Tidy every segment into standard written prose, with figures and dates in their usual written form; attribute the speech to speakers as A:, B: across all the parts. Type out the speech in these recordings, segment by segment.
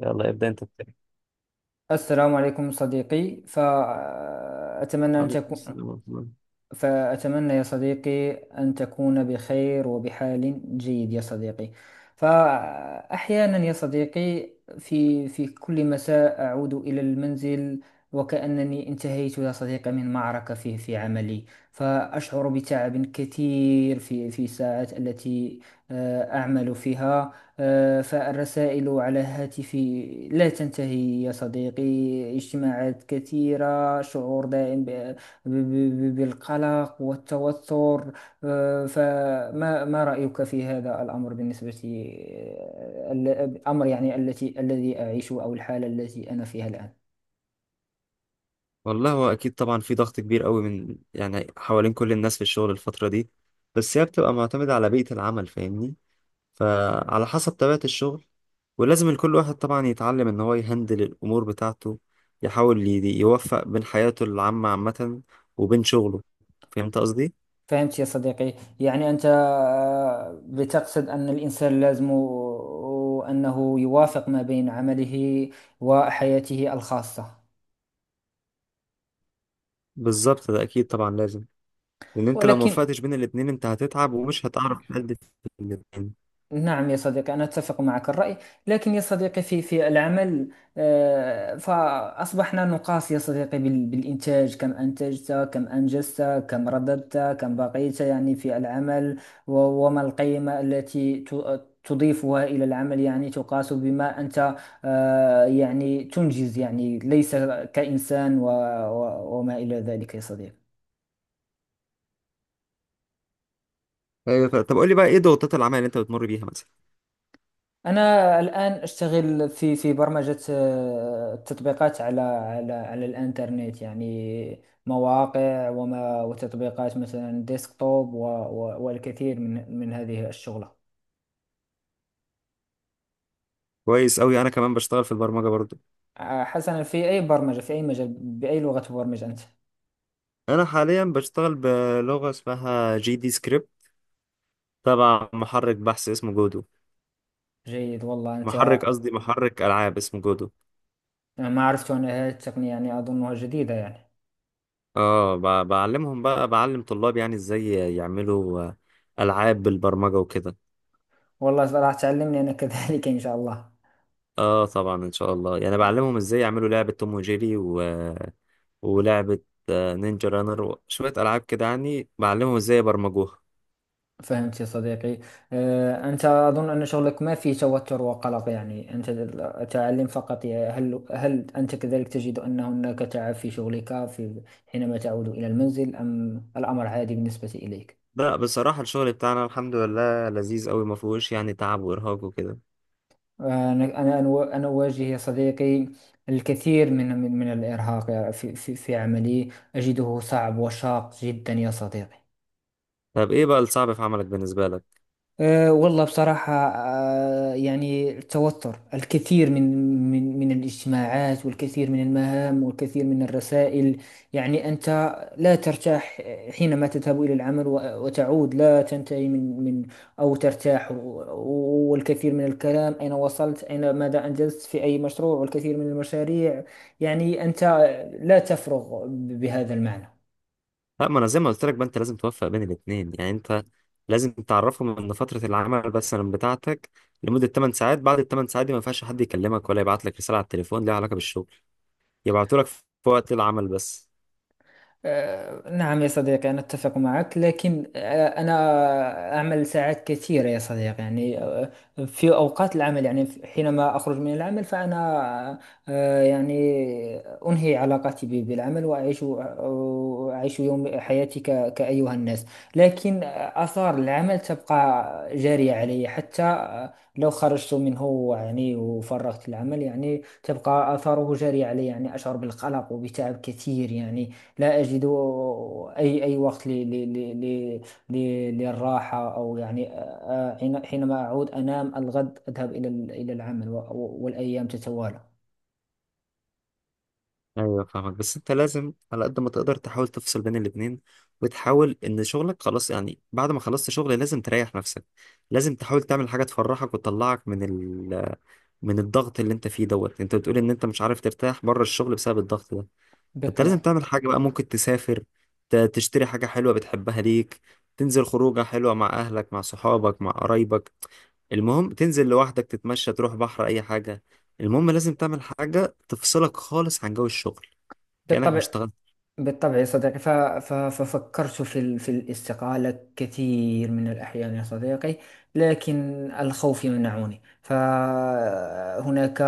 A: يلا ابدأ انت بتاعي.
B: السلام عليكم صديقي، فأتمنى أن
A: عليكم
B: تكون.
A: السلام ورحمة الله.
B: فأتمنى يا صديقي أن تكون بخير وبحال جيد يا صديقي. فأحيانا يا صديقي في كل مساء أعود إلى المنزل وكأنني انتهيت يا صديقي من معركة في عملي. فأشعر بتعب كثير في الساعات التي أعمل فيها. فالرسائل على هاتفي لا تنتهي يا صديقي. اجتماعات كثيرة، شعور دائم بالقلق والتوتر. فما ما رأيك في هذا الأمر بالنسبة الأمر يعني التي الذي أعيشه أو الحالة التي أنا فيها الآن؟
A: والله هو أكيد طبعا في ضغط كبير قوي من يعني حوالين كل الناس في الشغل الفترة دي. بس هي بتبقى معتمدة على بيئة العمل، فاهمني؟ فعلى حسب طبيعة الشغل، ولازم كل واحد طبعا يتعلم إن هو يهندل الأمور بتاعته، يحاول يوفق بين حياته العامة عامة وبين شغله. فهمت قصدي؟
B: فهمت يا صديقي. يعني أنت بتقصد أن الإنسان لازم أنه يوافق ما بين عمله وحياته الخاصة.
A: بالظبط، ده أكيد طبعا لازم، لأن أنت لو
B: ولكن
A: موفقتش بين الاتنين أنت هتتعب ومش هتعرف تأدي في الاتنين.
B: نعم يا صديقي، أنا أتفق معك الرأي. لكن يا صديقي في العمل، فأصبحنا نقاس يا صديقي بالإنتاج. كم أنتجت، كم أنجزت، كم رددت، كم بقيت يعني في العمل، وما القيمة التي تضيفها إلى العمل. يعني تقاس بما أنت يعني تنجز، يعني ليس كإنسان وما إلى ذلك يا صديقي.
A: أيوة. طب قولي بقى إيه ضغوطات العمل اللي أنت بتمر بيها مثلا؟
B: أنا الآن أشتغل في برمجة تطبيقات على الإنترنت، يعني مواقع وتطبيقات مثلا ديسكتوب والكثير من هذه الشغلة.
A: كويس أوي، أنا كمان بشتغل في البرمجة برضو.
B: حسنا، في أي برمجة، في أي مجال، بأي لغة تبرمج أنت؟
A: أنا حاليا بشتغل بلغة اسمها جي دي سكريبت، تبع محرك بحث اسمه جودو.
B: جيد والله أنت.
A: محرك، قصدي محرك ألعاب اسمه جودو.
B: أنا ما عرفت أن هذه التقنية يعني أظنها جديدة يعني.
A: اه، بعلمهم بقى، بعلم طلاب يعني ازاي يعملوا ألعاب بالبرمجة وكده.
B: والله راح تعلمني أنا كذلك إن شاء الله.
A: اه طبعا إن شاء الله، يعني بعلمهم ازاي يعملوا لعبة توم وجيري و... ولعبة نينجا رانر وشوية ألعاب كده، يعني بعلمهم ازاي يبرمجوها.
B: فهمت يا صديقي. أنت أظن أن شغلك ما فيه توتر وقلق، يعني أنت تعلم فقط. هل أنت كذلك تجد أن هناك تعب في شغلك في حينما تعود إلى المنزل، أم الأمر عادي بالنسبة إليك؟
A: لا بصراحة الشغل بتاعنا الحمد لله لذيذ أوي، مفهوش يعني تعب وإرهاق وكده.
B: أنا أواجه يا صديقي الكثير من الإرهاق في عملي. أجده صعب وشاق جدا يا صديقي.
A: طب ايه بقى الصعب في عملك بالنسبه لك؟
B: أه والله بصراحة، أه يعني التوتر، الكثير من الاجتماعات، والكثير من المهام، والكثير من الرسائل. يعني أنت لا ترتاح حينما تذهب إلى العمل، وتعود لا تنتهي من أو ترتاح. والكثير من الكلام، أين وصلت، أين، ماذا أنجزت في أي مشروع، والكثير من المشاريع. يعني أنت لا تفرغ بهذا المعنى.
A: لا ما انا زي ما قلت لك بقى، انت لازم توفق بين الاثنين، يعني انت لازم تعرفهم ان فتره العمل مثلا بتاعتك لمده 8 ساعات، بعد ال 8 ساعات دي ما ينفعش حد يكلمك ولا يبعت لك رساله على التليفون ليها علاقه بالشغل. يبعتوا لك في وقت العمل بس.
B: نعم يا صديقي، أنا أتفق معك. لكن أنا أعمل ساعات كثيرة يا صديقي. يعني في أوقات العمل، يعني حينما أخرج من العمل فأنا يعني أنهي علاقتي بالعمل، وأعيش أعيش يوم حياتي كأيها الناس. لكن آثار العمل تبقى جارية علي حتى لو خرجت منه، يعني وفرغت العمل يعني تبقى آثاره جارية علي. يعني أشعر بالقلق وبتعب كثير يعني. لا أجد أي وقت للراحة أو يعني حينما أعود أنام الغد أذهب إلى إلى العمل، والأيام تتوالى.
A: ايوه فاهمك، بس انت لازم على قد ما تقدر تحاول تفصل بين الاثنين، وتحاول ان شغلك خلاص يعني بعد ما خلصت شغل لازم تريح نفسك. لازم تحاول تعمل حاجه تفرحك وتطلعك من من الضغط اللي انت فيه دوت. انت بتقول ان انت مش عارف ترتاح بره الشغل بسبب الضغط ده، انت لازم
B: بالطبع.
A: تعمل حاجة بقى. ممكن تسافر، تشتري حاجة حلوة بتحبها ليك، تنزل خروجة حلوة مع أهلك مع صحابك مع قرايبك. المهم تنزل لوحدك، تتمشى، تروح بحر، أي حاجة. المهم لازم تعمل حاجة تفصلك خالص عن جو الشغل، كأنك مش
B: بالطبع.
A: اشتغلت.
B: بالطبع يا صديقي. ففكرت في الاستقالة كثير من الأحيان يا صديقي. لكن الخوف يمنعني. فهناك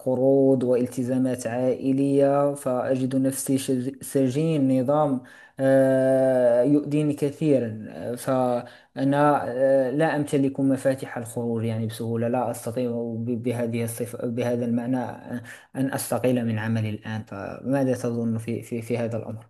B: قروض والتزامات عائلية، فأجد نفسي سجين نظام يؤذيني كثيرا. فأنا لا أمتلك مفاتيح الخروج يعني بسهولة. لا أستطيع بهذه الصفة، بهذا المعنى أن أستقيل من عملي الآن. فماذا تظن في هذا الأمر؟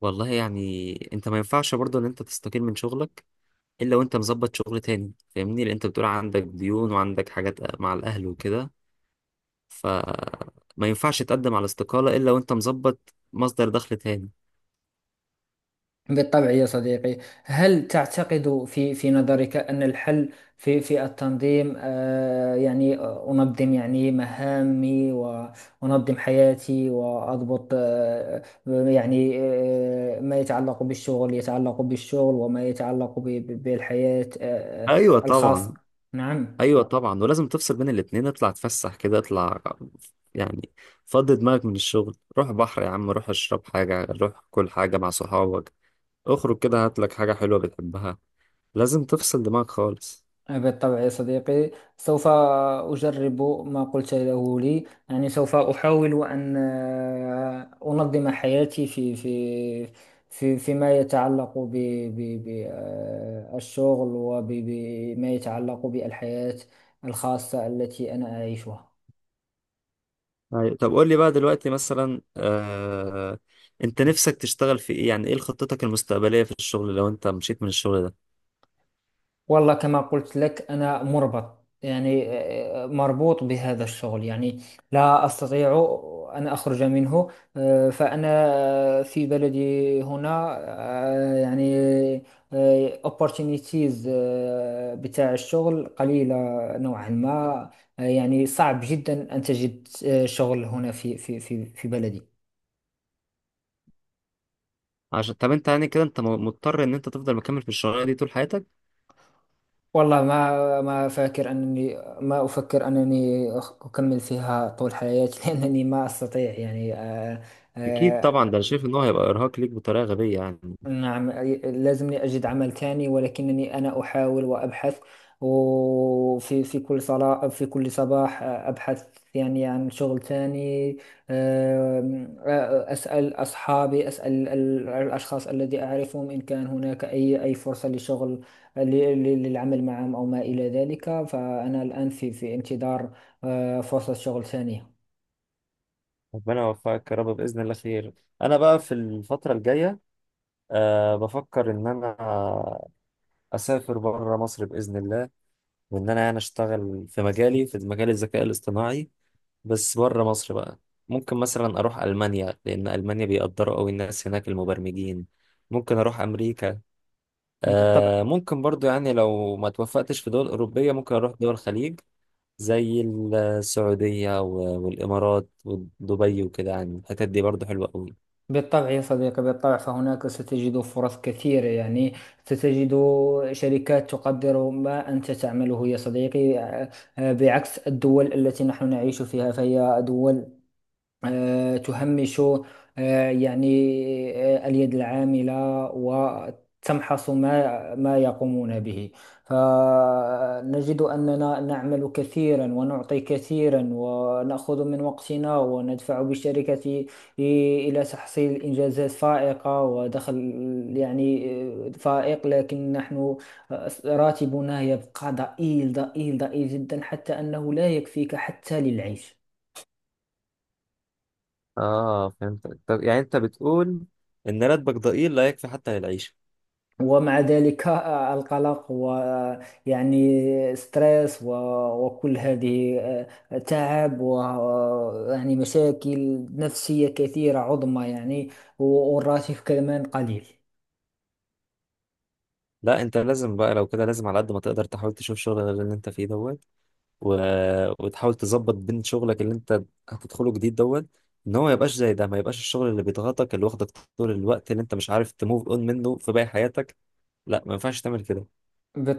A: والله يعني انت ما ينفعش برضو ان انت تستقيل من شغلك الا وانت مظبط شغل تاني، فاهمني؟ لان انت بتقول عندك ديون وعندك حاجات مع الاهل وكده، فما ينفعش تقدم على استقالة الا وانت مظبط مصدر دخل تاني.
B: بالطبع يا صديقي. هل تعتقد في نظرك أن الحل في التنظيم؟ آه يعني أنظم يعني مهامي وأنظم حياتي وأضبط آه يعني آه ما يتعلق بالشغل يتعلق بالشغل، وما يتعلق بالحياة
A: ايوه
B: الخاصة.
A: طبعا.
B: نعم.
A: ايوه طبعا، ولازم تفصل بين الاتنين. اطلع اتفسح كده، اطلع يعني، فضي دماغك من الشغل. روح بحر يا عم، روح اشرب حاجة، روح كل حاجة مع صحابك، اخرج كده، هات لك حاجة حلوة بتحبها. لازم تفصل دماغك خالص.
B: بالطبع يا صديقي، سوف أجرب ما قلت له لي. يعني سوف أحاول أن أنظم حياتي في في في فيما يتعلق بالشغل وبما يتعلق بالحياة الخاصة التي أنا أعيشها.
A: أيوة. طب قول لي بقى دلوقتي مثلا، انت نفسك تشتغل في ايه؟ يعني ايه خطتك المستقبلية في الشغل لو انت مشيت من الشغل ده؟
B: والله كما قلت لك، أنا مربط يعني آه، مربوط بهذا الشغل يعني. لا أستطيع أن أخرج منه. فأنا في بلدي هنا، opportunities بتاع الشغل قليلة نوعا ما. يعني صعب جدا أن تجد شغل هنا في بلدي.
A: عشان طب انت يعني كده انت مضطر ان انت تفضل مكمل في الشغلانة دي طول حياتك؟
B: والله ما فاكر أنني، ما أفكر أنني أكمل فيها طول حياتي لأنني ما أستطيع يعني
A: اكيد
B: آه،
A: طبعا، ده انا شايف ان هو هيبقى ارهاق ليك بطريقة غبية يعني.
B: نعم. لازمني أجد عمل تاني، ولكنني أنا أحاول وأبحث. وفي كل صلاة، في كل صباح أبحث يعني عن شغل تاني. أم، أسأل أصحابي، أسأل الأشخاص الذي أعرفهم إن كان هناك أي فرصة لشغل، ل- للعمل معهم أو ما إلى ذلك. فأنا الآن في انتظار فرصة شغل ثانية.
A: ربنا يوفقك يا رب، بإذن الله خير. أنا بقى في الفترة الجاية أه بفكر إن أنا أسافر بره مصر بإذن الله، وإن أنا يعني أشتغل في مجالي في مجال الذكاء الاصطناعي، بس بره مصر بقى. ممكن مثلا أروح ألمانيا، لأن ألمانيا بيقدروا أوي الناس هناك المبرمجين. ممكن أروح أمريكا.
B: بالطبع.
A: أه ممكن برضو يعني لو ما توفقتش في دول أوروبية ممكن أروح دول الخليج، زي السعودية والإمارات ودبي وكده، يعني الحتت دي برضو حلوة أوي.
B: بالطبع يا صديقي، بالطبع. فهناك ستجد فرص كثيرة يعني، ستجد شركات تقدر ما أنت تعمله يا صديقي. بعكس الدول التي نحن نعيش فيها، فهي دول تهمش آه، يعني اليد العاملة، وتمحص ما يقومون به. فنجد أننا نعمل كثيرا ونعطي كثيرا ونأخذ من وقتنا وندفع بالشركة إلى تحصيل إنجازات فائقة ودخل يعني فائق. لكن نحن راتبنا يبقى ضئيل جدا، حتى أنه لا يكفيك حتى للعيش.
A: اه فهمتك. طب يعني انت بتقول ان راتبك ضئيل لا يكفي حتى للعيشة.
B: ومع ذلك القلق، ويعني ستريس وكل هذه تعب، ويعني مشاكل نفسية كثيرة عظمى يعني. والراتب كمان قليل.
A: لا انت لازم بقى لو كده، لازم على قد ما تقدر تحاول تشوف شغل غير اللي انت فيه دوت، و... وتحاول تظبط بين شغلك اللي انت هتدخله جديد دوت، ان هو ما يبقاش زي ده، ما يبقاش الشغل اللي بيضغطك، اللي واخدك طول الوقت، اللي انت مش عارف تموف اون منه في باقي حياتك. لا ما ينفعش تعمل كده.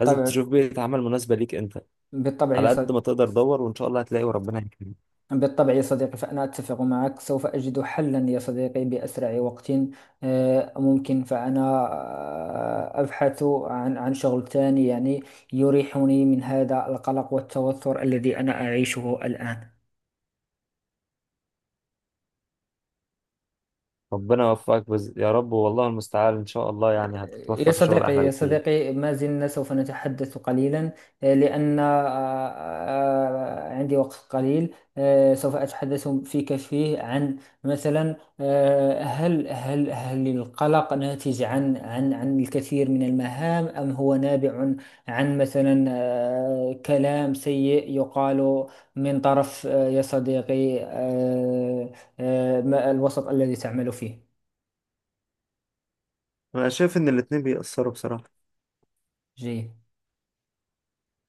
A: لازم تشوف بيئة عمل مناسبة ليك انت،
B: بالطبع يا
A: على قد ما
B: صديقي.
A: تقدر دور وان شاء الله هتلاقي وربنا يكرمك.
B: بالطبع يا صديقي، فأنا أتفق معك. سوف أجد حلا يا صديقي بأسرع وقت ممكن. فأنا أبحث عن شغل ثاني يعني، يريحني من هذا القلق والتوتر الذي أنا أعيشه الآن.
A: ربنا يوفقك يا رب، والله المستعان، ان شاء الله يعني
B: يا
A: هتتوفى في شغل
B: صديقي،
A: احلى
B: يا
A: بكتير.
B: صديقي، ما زلنا سوف نتحدث قليلا. لأن عندي وقت قليل. سوف أتحدث فيك فيه عن مثلا هل القلق ناتج عن الكثير من المهام، أم هو نابع عن مثلا كلام سيء يقال من طرف آه، يا صديقي آه، آه، ما- الوسط الذي تعمل فيه؟
A: انا شايف ان الاتنين بيأثروا بصراحة.
B: جيد.